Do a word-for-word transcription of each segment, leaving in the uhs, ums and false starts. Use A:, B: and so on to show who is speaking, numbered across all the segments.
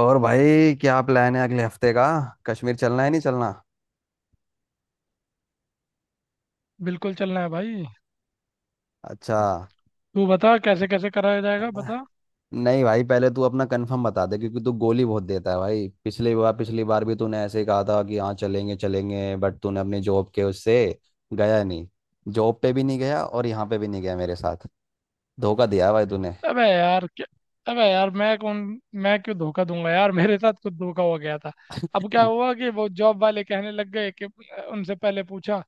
A: और भाई क्या प्लान है अगले हफ्ते का? कश्मीर चलना है, नहीं चलना?
B: बिल्कुल चलना है भाई।
A: अच्छा,
B: तू बता कैसे कैसे कराया जाएगा
A: चलना।
B: बता।
A: नहीं भाई, पहले तू अपना कंफर्म बता दे क्योंकि तू गोली बहुत देता है भाई। पिछली बार, पिछली बार भी तूने ऐसे ही कहा था कि हाँ चलेंगे चलेंगे, बट तूने अपनी जॉब के उससे गया नहीं। जॉब पे भी नहीं गया और यहाँ पे भी नहीं गया मेरे साथ। धोखा दिया है भाई तूने।
B: अबे यार क्या। अबे यार मैं कौन, मैं क्यों धोखा दूंगा यार मेरे साथ खुद धोखा हो गया था। अब क्या हुआ कि वो जॉब वाले कहने लग गए कि, उनसे पहले पूछा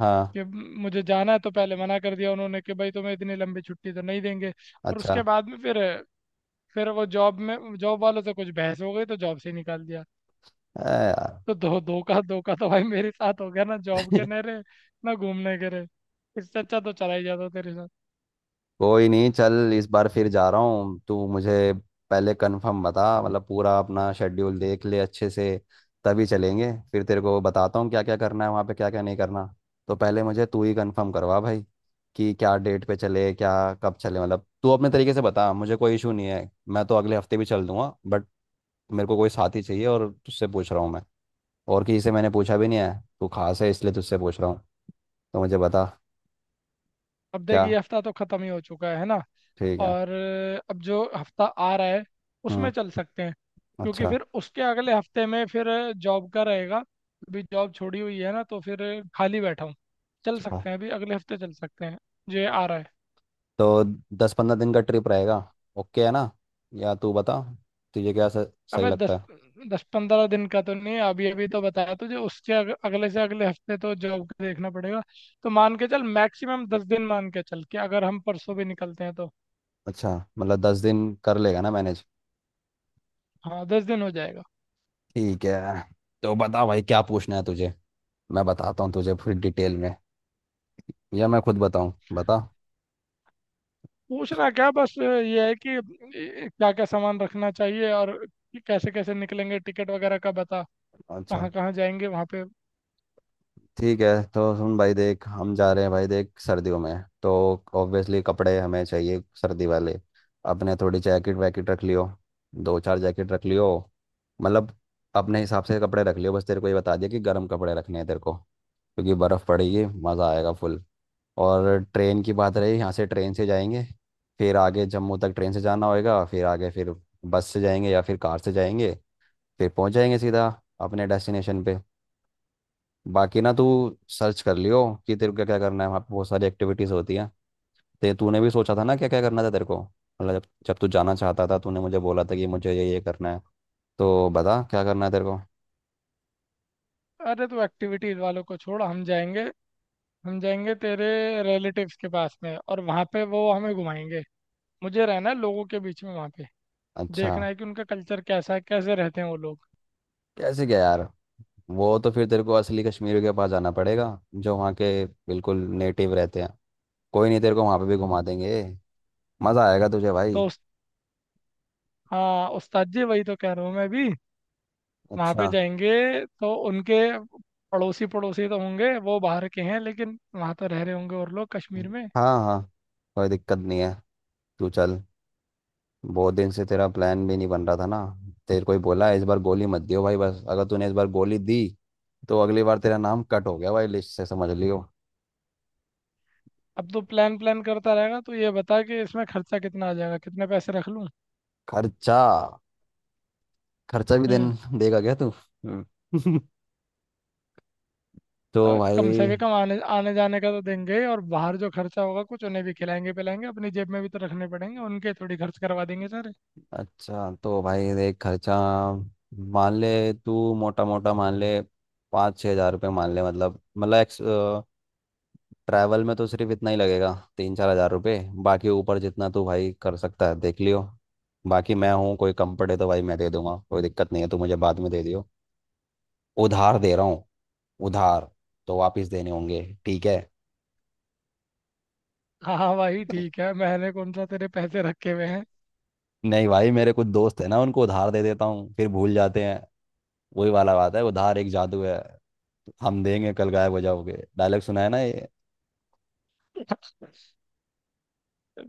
A: हाँ।
B: कि मुझे जाना है, तो पहले मना कर दिया उन्होंने कि भाई तुम्हें इतनी लंबी छुट्टी तो नहीं देंगे। और
A: अच्छा।
B: उसके बाद में फिर फिर वो जॉब में जॉब वालों से कुछ बहस हो गई तो जॉब से ही निकाल दिया।
A: अरे यार।
B: तो धो धोखा धोखा तो भाई मेरे साथ हो गया ना, जॉब के नहरे ना घूमने के रे। इससे अच्छा तो चला ही जाता तेरे साथ।
A: कोई नहीं, चल, इस बार फिर जा रहा हूँ। तू मुझे पहले कंफर्म बता, मतलब पूरा अपना शेड्यूल देख ले अच्छे से, तभी चलेंगे। फिर तेरे को बताता हूँ क्या क्या करना है वहाँ पे, क्या क्या नहीं करना। तो पहले मुझे तू ही कंफर्म करवा भाई कि क्या डेट पे चले, क्या कब चले। मतलब तू अपने तरीके से बता, मुझे कोई इशू नहीं है। मैं तो अगले हफ्ते भी चल दूंगा, बट मेरे को कोई साथी चाहिए और तुझसे पूछ रहा हूँ मैं। और किसी से मैंने पूछा भी नहीं है। तू खास है इसलिए तुझसे पूछ रहा हूँ। तो मुझे बता।
B: अब
A: क्या?
B: देख ये हफ्ता तो खत्म ही हो चुका है है ना।
A: ठीक है।
B: और अब जो हफ्ता आ रहा है उसमें
A: हम्म।
B: चल सकते हैं, क्योंकि
A: अच्छा।
B: फिर उसके अगले हफ्ते में फिर जॉब का रहेगा। अभी जॉब छोड़ी हुई है ना, तो फिर खाली बैठा हूँ। चल
A: ठीक
B: सकते हैं, अभी अगले हफ्ते चल सकते हैं जो ये
A: है।
B: आ रहा है।
A: तो दस पंद्रह दिन का ट्रिप रहेगा, ओके? है ना? या तू बता, तुझे क्या स- सही
B: अबे
A: लगता
B: दस,
A: है?
B: दस पंद्रह दिन का तो नहीं, अभी अभी तो बताया तुझे, उसके अग, अगले से अगले हफ्ते तो जॉब का देखना पड़ेगा। तो मान के चल मैक्सिमम दस दिन मान के चल, कि अगर हम परसों भी निकलते हैं तो।
A: अच्छा, मतलब दस दिन कर लेगा ना मैनेज?
B: हाँ दस दिन हो जाएगा।
A: ठीक है। तो बता भाई क्या पूछना है तुझे? मैं बताता हूँ तुझे फिर डिटेल में, या मैं खुद बताऊँ, बता।
B: पूछना क्या बस ये है कि क्या क्या सामान रखना चाहिए, और कैसे कैसे निकलेंगे टिकट वगैरह का बता।
A: अच्छा।
B: कहाँ कहाँ जाएंगे वहाँ पे।
A: ठीक है। तो सुन भाई, देख हम जा रहे हैं भाई, देख सर्दियों में, तो ऑब्वियसली कपड़े हमें चाहिए सर्दी वाले। अपने थोड़ी जैकेट वैकेट रख लियो, दो चार जैकेट रख लियो, मतलब अपने हिसाब से कपड़े रख लियो। बस तेरे को ये बता दिया कि गर्म कपड़े रखने हैं तेरे को, क्योंकि बर्फ़ पड़ेगी, मज़ा आएगा फुल। और ट्रेन की बात रही, यहाँ से ट्रेन से जाएंगे, फिर आगे जम्मू तक ट्रेन से जाना होगा, फिर आगे फिर बस से जाएंगे या फिर कार से जाएंगे। फिर पहुँच जाएंगे सीधा अपने डेस्टिनेशन पे। बाकी ना तू सर्च कर लियो कि तेरे को क्या क्या करना है वहाँ पे, बहुत सारी एक्टिविटीज़ होती हैं। ते तूने भी सोचा था ना क्या क्या करना था तेरे को, मतलब जब जब तू जाना चाहता था तूने मुझे बोला था कि मुझे ये ये करना है। तो बता क्या करना है तेरे को।
B: अरे तो एक्टिविटीज वालों को छोड़, हम जाएंगे हम जाएंगे तेरे रिलेटिव्स के पास में, और वहाँ पे वो हमें घुमाएंगे। मुझे रहना है लोगों के बीच में वहाँ पे।
A: अच्छा।
B: देखना है कि उनका कल्चर कैसा है, कैसे रहते हैं वो लोग।
A: कैसे क्या यार? वो तो फिर तेरे को असली कश्मीरियों के पास जाना पड़ेगा, जो वहाँ के बिल्कुल नेटिव रहते हैं। कोई नहीं, तेरे को वहाँ पे भी घुमा देंगे। मज़ा आएगा तुझे भाई।
B: तो उस हाँ उस्ताद जी, वही तो कह रहा हूँ मैं भी। वहाँ
A: अच्छा।
B: पे जाएंगे तो उनके पड़ोसी पड़ोसी तो होंगे, वो बाहर के हैं लेकिन वहाँ तो रह रहे होंगे, और लोग कश्मीर में।
A: हाँ हाँ, कोई दिक्कत नहीं है। तू चल, बहुत दिन से तेरा प्लान भी नहीं बन रहा था ना। तेरे को ही बोला है, इस बार गोली मत दियो भाई। बस अगर तूने इस बार गोली दी, तो अगली बार तेरा नाम कट हो गया भाई लिस्ट से, समझ लियो।
B: अब तो प्लान प्लान करता रहेगा। तो ये बता कि इसमें खर्चा कितना आ जाएगा, कितने पैसे रख लूँ।
A: खर्चा, खर्चा भी
B: हम्म।
A: देन देगा क्या तू? हम्म। तो
B: अब कम से भी
A: भाई।
B: कम आने आने जाने का तो देंगे ही, और बाहर जो खर्चा होगा, कुछ उन्हें भी खिलाएंगे पिलाएंगे, अपनी जेब में भी तो रखने पड़ेंगे, उनके थोड़ी खर्च करवा देंगे सारे।
A: अच्छा, तो भाई देख खर्चा मान ले, तू मोटा मोटा मान ले, पाँच छः हज़ार रुपये मान ले। मतलब मतलब ट्रैवल में तो सिर्फ इतना ही लगेगा, तीन चार हज़ार रुपये। बाकी ऊपर जितना तू भाई कर सकता है देख लियो। बाकी मैं हूँ, कोई कंफर्ट है तो भाई मैं दे दूंगा, कोई दिक्कत नहीं है। तू मुझे बाद में दे दियो, उधार दे रहा हूँ, उधार, तो वापस देने होंगे ठीक है।
B: हाँ हाँ भाई ठीक है, मैंने कौन सा तेरे पैसे रखे हुए हैं।
A: नहीं भाई, मेरे कुछ दोस्त है ना, उनको उधार दे देता हूँ फिर भूल जाते हैं। वही वाला बात है, उधार एक जादू है, हम देंगे कल गायब हो जाओगे, डायलॉग सुना है ना ये।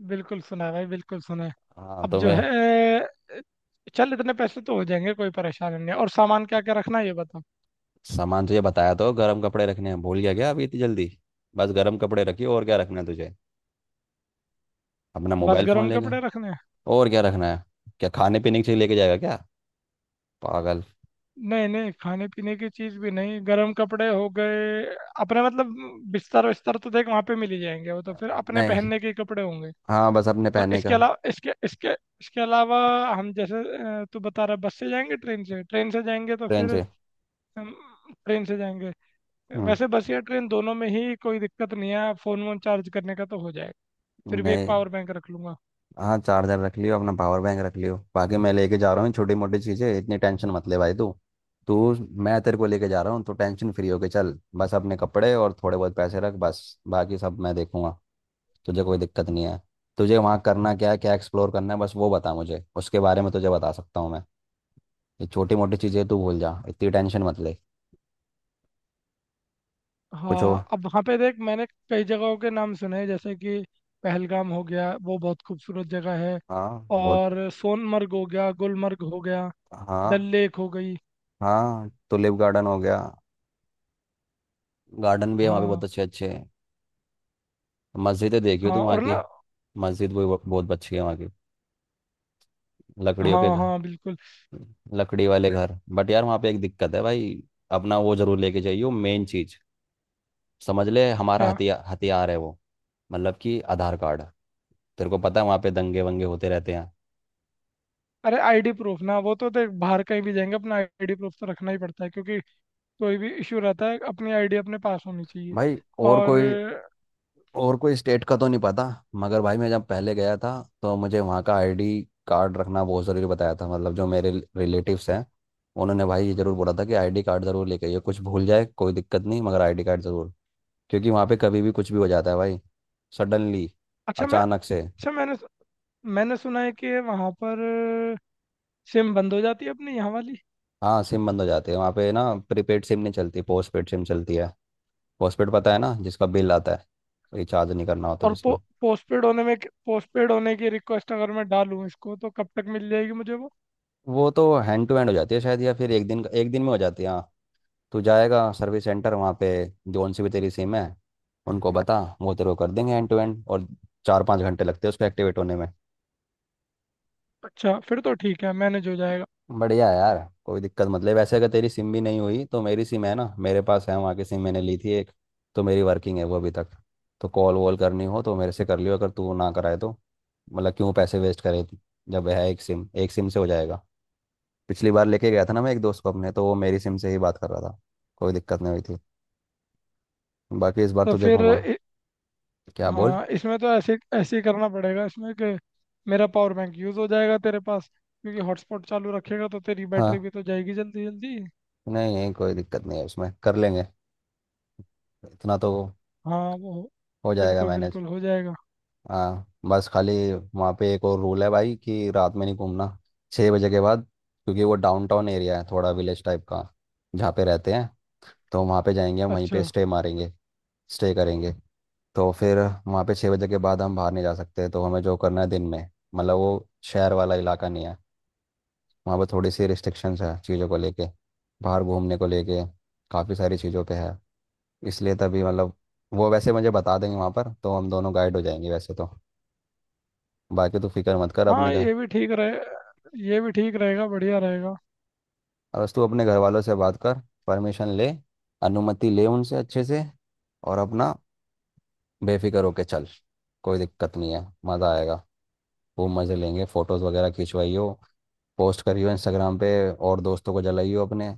B: बिल्कुल सुना है भाई बिल्कुल सुना है।
A: हाँ
B: अब
A: तो
B: जो
A: मैं,
B: है, चल इतने पैसे तो हो जाएंगे, कोई परेशानी नहीं है। और सामान क्या क्या रखना है ये बता।
A: सामान तुझे बताया तो, गर्म कपड़े रखने हैं, भूल गया क्या अभी इतनी जल्दी? बस गर्म कपड़े रखियो। और क्या रखना है तुझे? अपना
B: बस
A: मोबाइल फ़ोन
B: गर्म
A: लेके।
B: कपड़े रखने हैं।
A: और क्या रखना है? क्या खाने पीने की चीज़ लेके जाएगा क्या? पागल।
B: नहीं नहीं, खाने पीने की चीज भी नहीं, गर्म कपड़े हो गए। अपने मतलब बिस्तर विस्तर तो देख वहां पे मिल ही जाएंगे, वो तो फिर अपने
A: नहीं।
B: पहनने के कपड़े होंगे।
A: हाँ बस अपने
B: और
A: पहनने
B: इसके
A: का।
B: अलावा इसके इसके इसके अलावा हम जैसे, अ, तू बता रहा बस से जाएंगे ट्रेन से, ट्रेन से जाएंगे तो
A: ट्रेन
B: फिर
A: से।
B: ट्रेन से जाएंगे।
A: हम्म।
B: वैसे बस या ट्रेन दोनों में ही कोई दिक्कत नहीं है, फोन वोन चार्ज करने का तो हो जाएगा। फिर भी एक
A: नहीं।
B: पावर बैंक रख लूंगा।
A: हाँ चार्जर रख लियो, अपना पावर बैंक रख लियो, बाकी मैं लेके जा रहा हूँ छोटी मोटी चीज़ें। इतनी टेंशन मत ले भाई तू। तू मैं तेरे को लेके जा रहा हूँ तो टेंशन फ्री होके चल। बस अपने कपड़े और थोड़े बहुत पैसे रख, बस बाकी सब मैं देखूंगा। तुझे कोई दिक्कत नहीं है। तुझे वहाँ करना क्या है, क्या एक्सप्लोर करना है, बस वो बता मुझे, उसके बारे में तुझे बता सकता हूँ मैं। ये छोटी मोटी चीज़ें तू भूल जा, इतनी टेंशन मत ले। पूछो।
B: हाँ अब वहाँ पे देख मैंने कई जगहों के नाम सुने हैं, जैसे कि पहलगाम हो गया, वो बहुत खूबसूरत जगह है।
A: हाँ बहुत।
B: और सोनमर्ग हो गया, गुलमर्ग हो गया, डल
A: हाँ।
B: लेक हो गई।
A: हाँ टुलिप गार्डन हो गया। गार्डन भी है वहाँ पे,
B: हाँ।
A: बहुत अच्छे अच्छे हैं। मस्जिदें देखी हो
B: हाँ
A: तुम वहाँ
B: और
A: की?
B: ना।
A: मस्जिद भी बहुत बहुत अच्छी है वहाँ की। लकड़ियों के
B: हाँ
A: घर,
B: हाँ बिल्कुल।
A: लकड़ी वाले घर। बट यार वहाँ पे एक दिक्कत है भाई, अपना वो जरूर लेके जाइयो, मेन चीज, समझ ले हमारा
B: क्या।
A: हथियार, हथियार है वो। मतलब कि आधार कार्ड। तेरे को पता है वहाँ पे दंगे वंगे होते रहते हैं।
B: अरे आईडी प्रूफ ना, वो तो देख बाहर कहीं भी जाएंगे अपना आईडी प्रूफ तो रखना ही पड़ता है, क्योंकि कोई भी इशू रहता है, अपनी आईडी अपने पास होनी चाहिए।
A: भाई, और
B: और
A: कोई, और कोई स्टेट का तो नहीं पता, मगर भाई मैं जब पहले गया था, तो मुझे वहाँ का आईडी कार्ड रखना बहुत ज़रूरी बताया था। मतलब जो मेरे रिलेटिव्स हैं, उन्होंने भाई ये ज़रूर बोला था कि आईडी कार्ड ज़रूर लेके आइए, कुछ भूल जाए कोई दिक्कत नहीं मगर आईडी कार्ड ज़रूर, क्योंकि वहाँ पे कभी भी कुछ भी हो जाता है भाई, सडनली,
B: अच्छा मैं
A: अचानक से।
B: अच्छा मैंने मैंने सुना है कि वहाँ पर सिम बंद हो जाती है अपनी यहाँ वाली।
A: हाँ, सिम बंद हो जाती है वहाँ पे ना। प्रीपेड सिम नहीं चलती, पोस्ट पेड सिम चलती है। पोस्ट पेड पता है ना, जिसका बिल आता है, रिचार्ज नहीं करना होता
B: और पो,
A: जिसमें।
B: पोस्टपेड होने में पोस्टपेड होने की रिक्वेस्ट अगर मैं डालूं इसको, तो कब तक मिल जाएगी मुझे वो।
A: वो तो हैंड टू हैंड हो जाती है शायद, या फिर एक दिन, एक दिन में हो जाती है। हाँ, तू जाएगा सर्विस सेंटर वहाँ पे, जोन सी भी तेरी सिम है उनको बता, वो तेरे को कर देंगे एंड टू एंड। और चार पाँच घंटे लगते हैं उसको एक्टिवेट होने में।
B: अच्छा फिर तो ठीक है, मैनेज हो जाएगा।
A: बढ़िया है यार। कोई दिक्कत मत ले, वैसे अगर तेरी सिम भी नहीं हुई तो मेरी सिम है ना, मेरे पास है वहाँ की सिम, मैंने ली थी एक, तो मेरी वर्किंग है वो अभी तक। तो कॉल वॉल करनी हो तो मेरे से कर लियो, अगर तू ना कराए तो। मतलब क्यों पैसे वेस्ट करे तू? जब है एक सिम, एक सिम से हो जाएगा। पिछली बार लेके गया था ना मैं एक दोस्त को अपने, तो वो मेरी सिम से ही बात कर रहा था, कोई दिक्कत नहीं हुई थी। बाकी इस बार
B: तो
A: तुझे
B: फिर
A: घुमा।
B: इ,
A: क्या बोल?
B: हाँ इसमें तो ऐसे ऐसे ही करना पड़ेगा इसमें, कि मेरा पावर बैंक यूज़ हो जाएगा तेरे पास, क्योंकि हॉटस्पॉट चालू रखेगा तो तेरी बैटरी
A: हाँ।
B: भी तो जाएगी जल्दी जल्दी।
A: नहीं नहीं, कोई दिक्कत नहीं है उसमें, कर लेंगे इतना तो,
B: हाँ वो
A: हो जाएगा
B: बिल्कुल
A: मैनेज।
B: बिल्कुल हो जाएगा।
A: हाँ बस खाली वहाँ पे एक और रूल है भाई, कि रात में नहीं घूमना छः बजे के बाद, क्योंकि वो डाउनटाउन एरिया है, थोड़ा विलेज टाइप का जहाँ पे रहते हैं, तो वहाँ पे जाएंगे हम, वहीं पे
B: अच्छा
A: स्टे मारेंगे, स्टे करेंगे। तो फिर वहाँ पे छः बजे के बाद हम बाहर नहीं जा सकते, तो हमें जो करना है दिन में। मतलब वो शहर वाला इलाका नहीं है, वहाँ पे थोड़ी सी रिस्ट्रिक्शंस है चीज़ों को लेके, बाहर घूमने को लेके, काफ़ी सारी चीज़ों पे है। इसलिए तभी मतलब, वो वैसे मुझे बता देंगे वहाँ पर, तो हम दोनों गाइड हो जाएंगे वैसे तो। बाकी तू फिक्र मत कर अपने
B: हाँ
A: घर।
B: ये भी ठीक रहे, ये भी ठीक रहेगा, बढ़िया रहेगा।
A: और बस तू अपने घर वालों से बात कर, परमिशन ले, अनुमति ले उनसे अच्छे से, और अपना बेफिक्र होके चल। कोई दिक्कत नहीं है, मज़ा आएगा, खूब मज़े लेंगे। फ़ोटोज़ वगैरह खिंचवाइयो, पोस्ट करियो इंस्टाग्राम पे, और दोस्तों को जलाइयो अपने।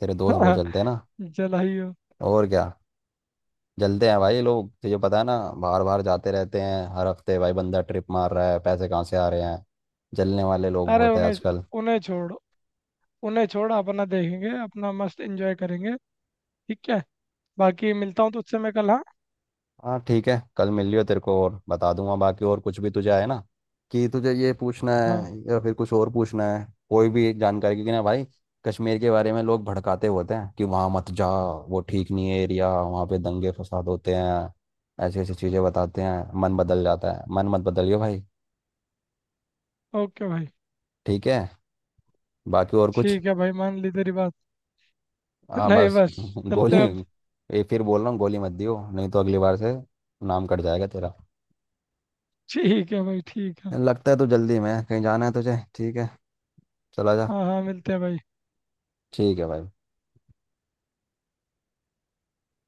A: तेरे दोस्त बहुत जलते हैं ना?
B: जलाइयो।
A: और क्या, जलते हैं भाई लोग, तुझे पता है ना, बाहर बाहर जाते रहते हैं हर हफ्ते, भाई बंदा ट्रिप मार रहा है, पैसे कहाँ से आ रहे हैं। जलने वाले लोग
B: अरे
A: बहुत है
B: उन्हें
A: आजकल।
B: उन्हें छोड़ उन्हें छोड़ अपना देखेंगे, अपना मस्त एंजॉय करेंगे। ठीक है, बाकी मिलता हूँ तुझसे मैं कल, हाँ।
A: हाँ ठीक है, कल मिल लियो तेरे को और बता दूंगा बाकी, और कुछ भी तुझे आए ना, कि तुझे ये पूछना
B: हाँ
A: है या फिर कुछ और पूछना है कोई भी जानकारी, क्योंकि ना भाई कश्मीर के बारे में लोग भड़काते होते हैं कि वहाँ मत जा, वो ठीक नहीं है एरिया, वहाँ पे दंगे फसाद होते हैं, ऐसी ऐसी चीज़ें बताते हैं, मन बदल जाता है। मन मत बदलियो भाई।
B: ओके भाई।
A: ठीक है। बाकी और कुछ?
B: ठीक है भाई मान ली तेरी बात।
A: हाँ
B: नहीं
A: बस,
B: बस
A: गोली,
B: चलते हैं अब।
A: ये फिर बोल रहा हूँ, गोली मत दियो, नहीं तो अगली बार से नाम कट जाएगा तेरा।
B: ठीक है भाई ठीक है।
A: लगता है तू जल्दी में है, कहीं जाना है तुझे? ठीक है, चला जा।
B: हाँ हाँ मिलते हैं भाई।
A: ठीक है भाई।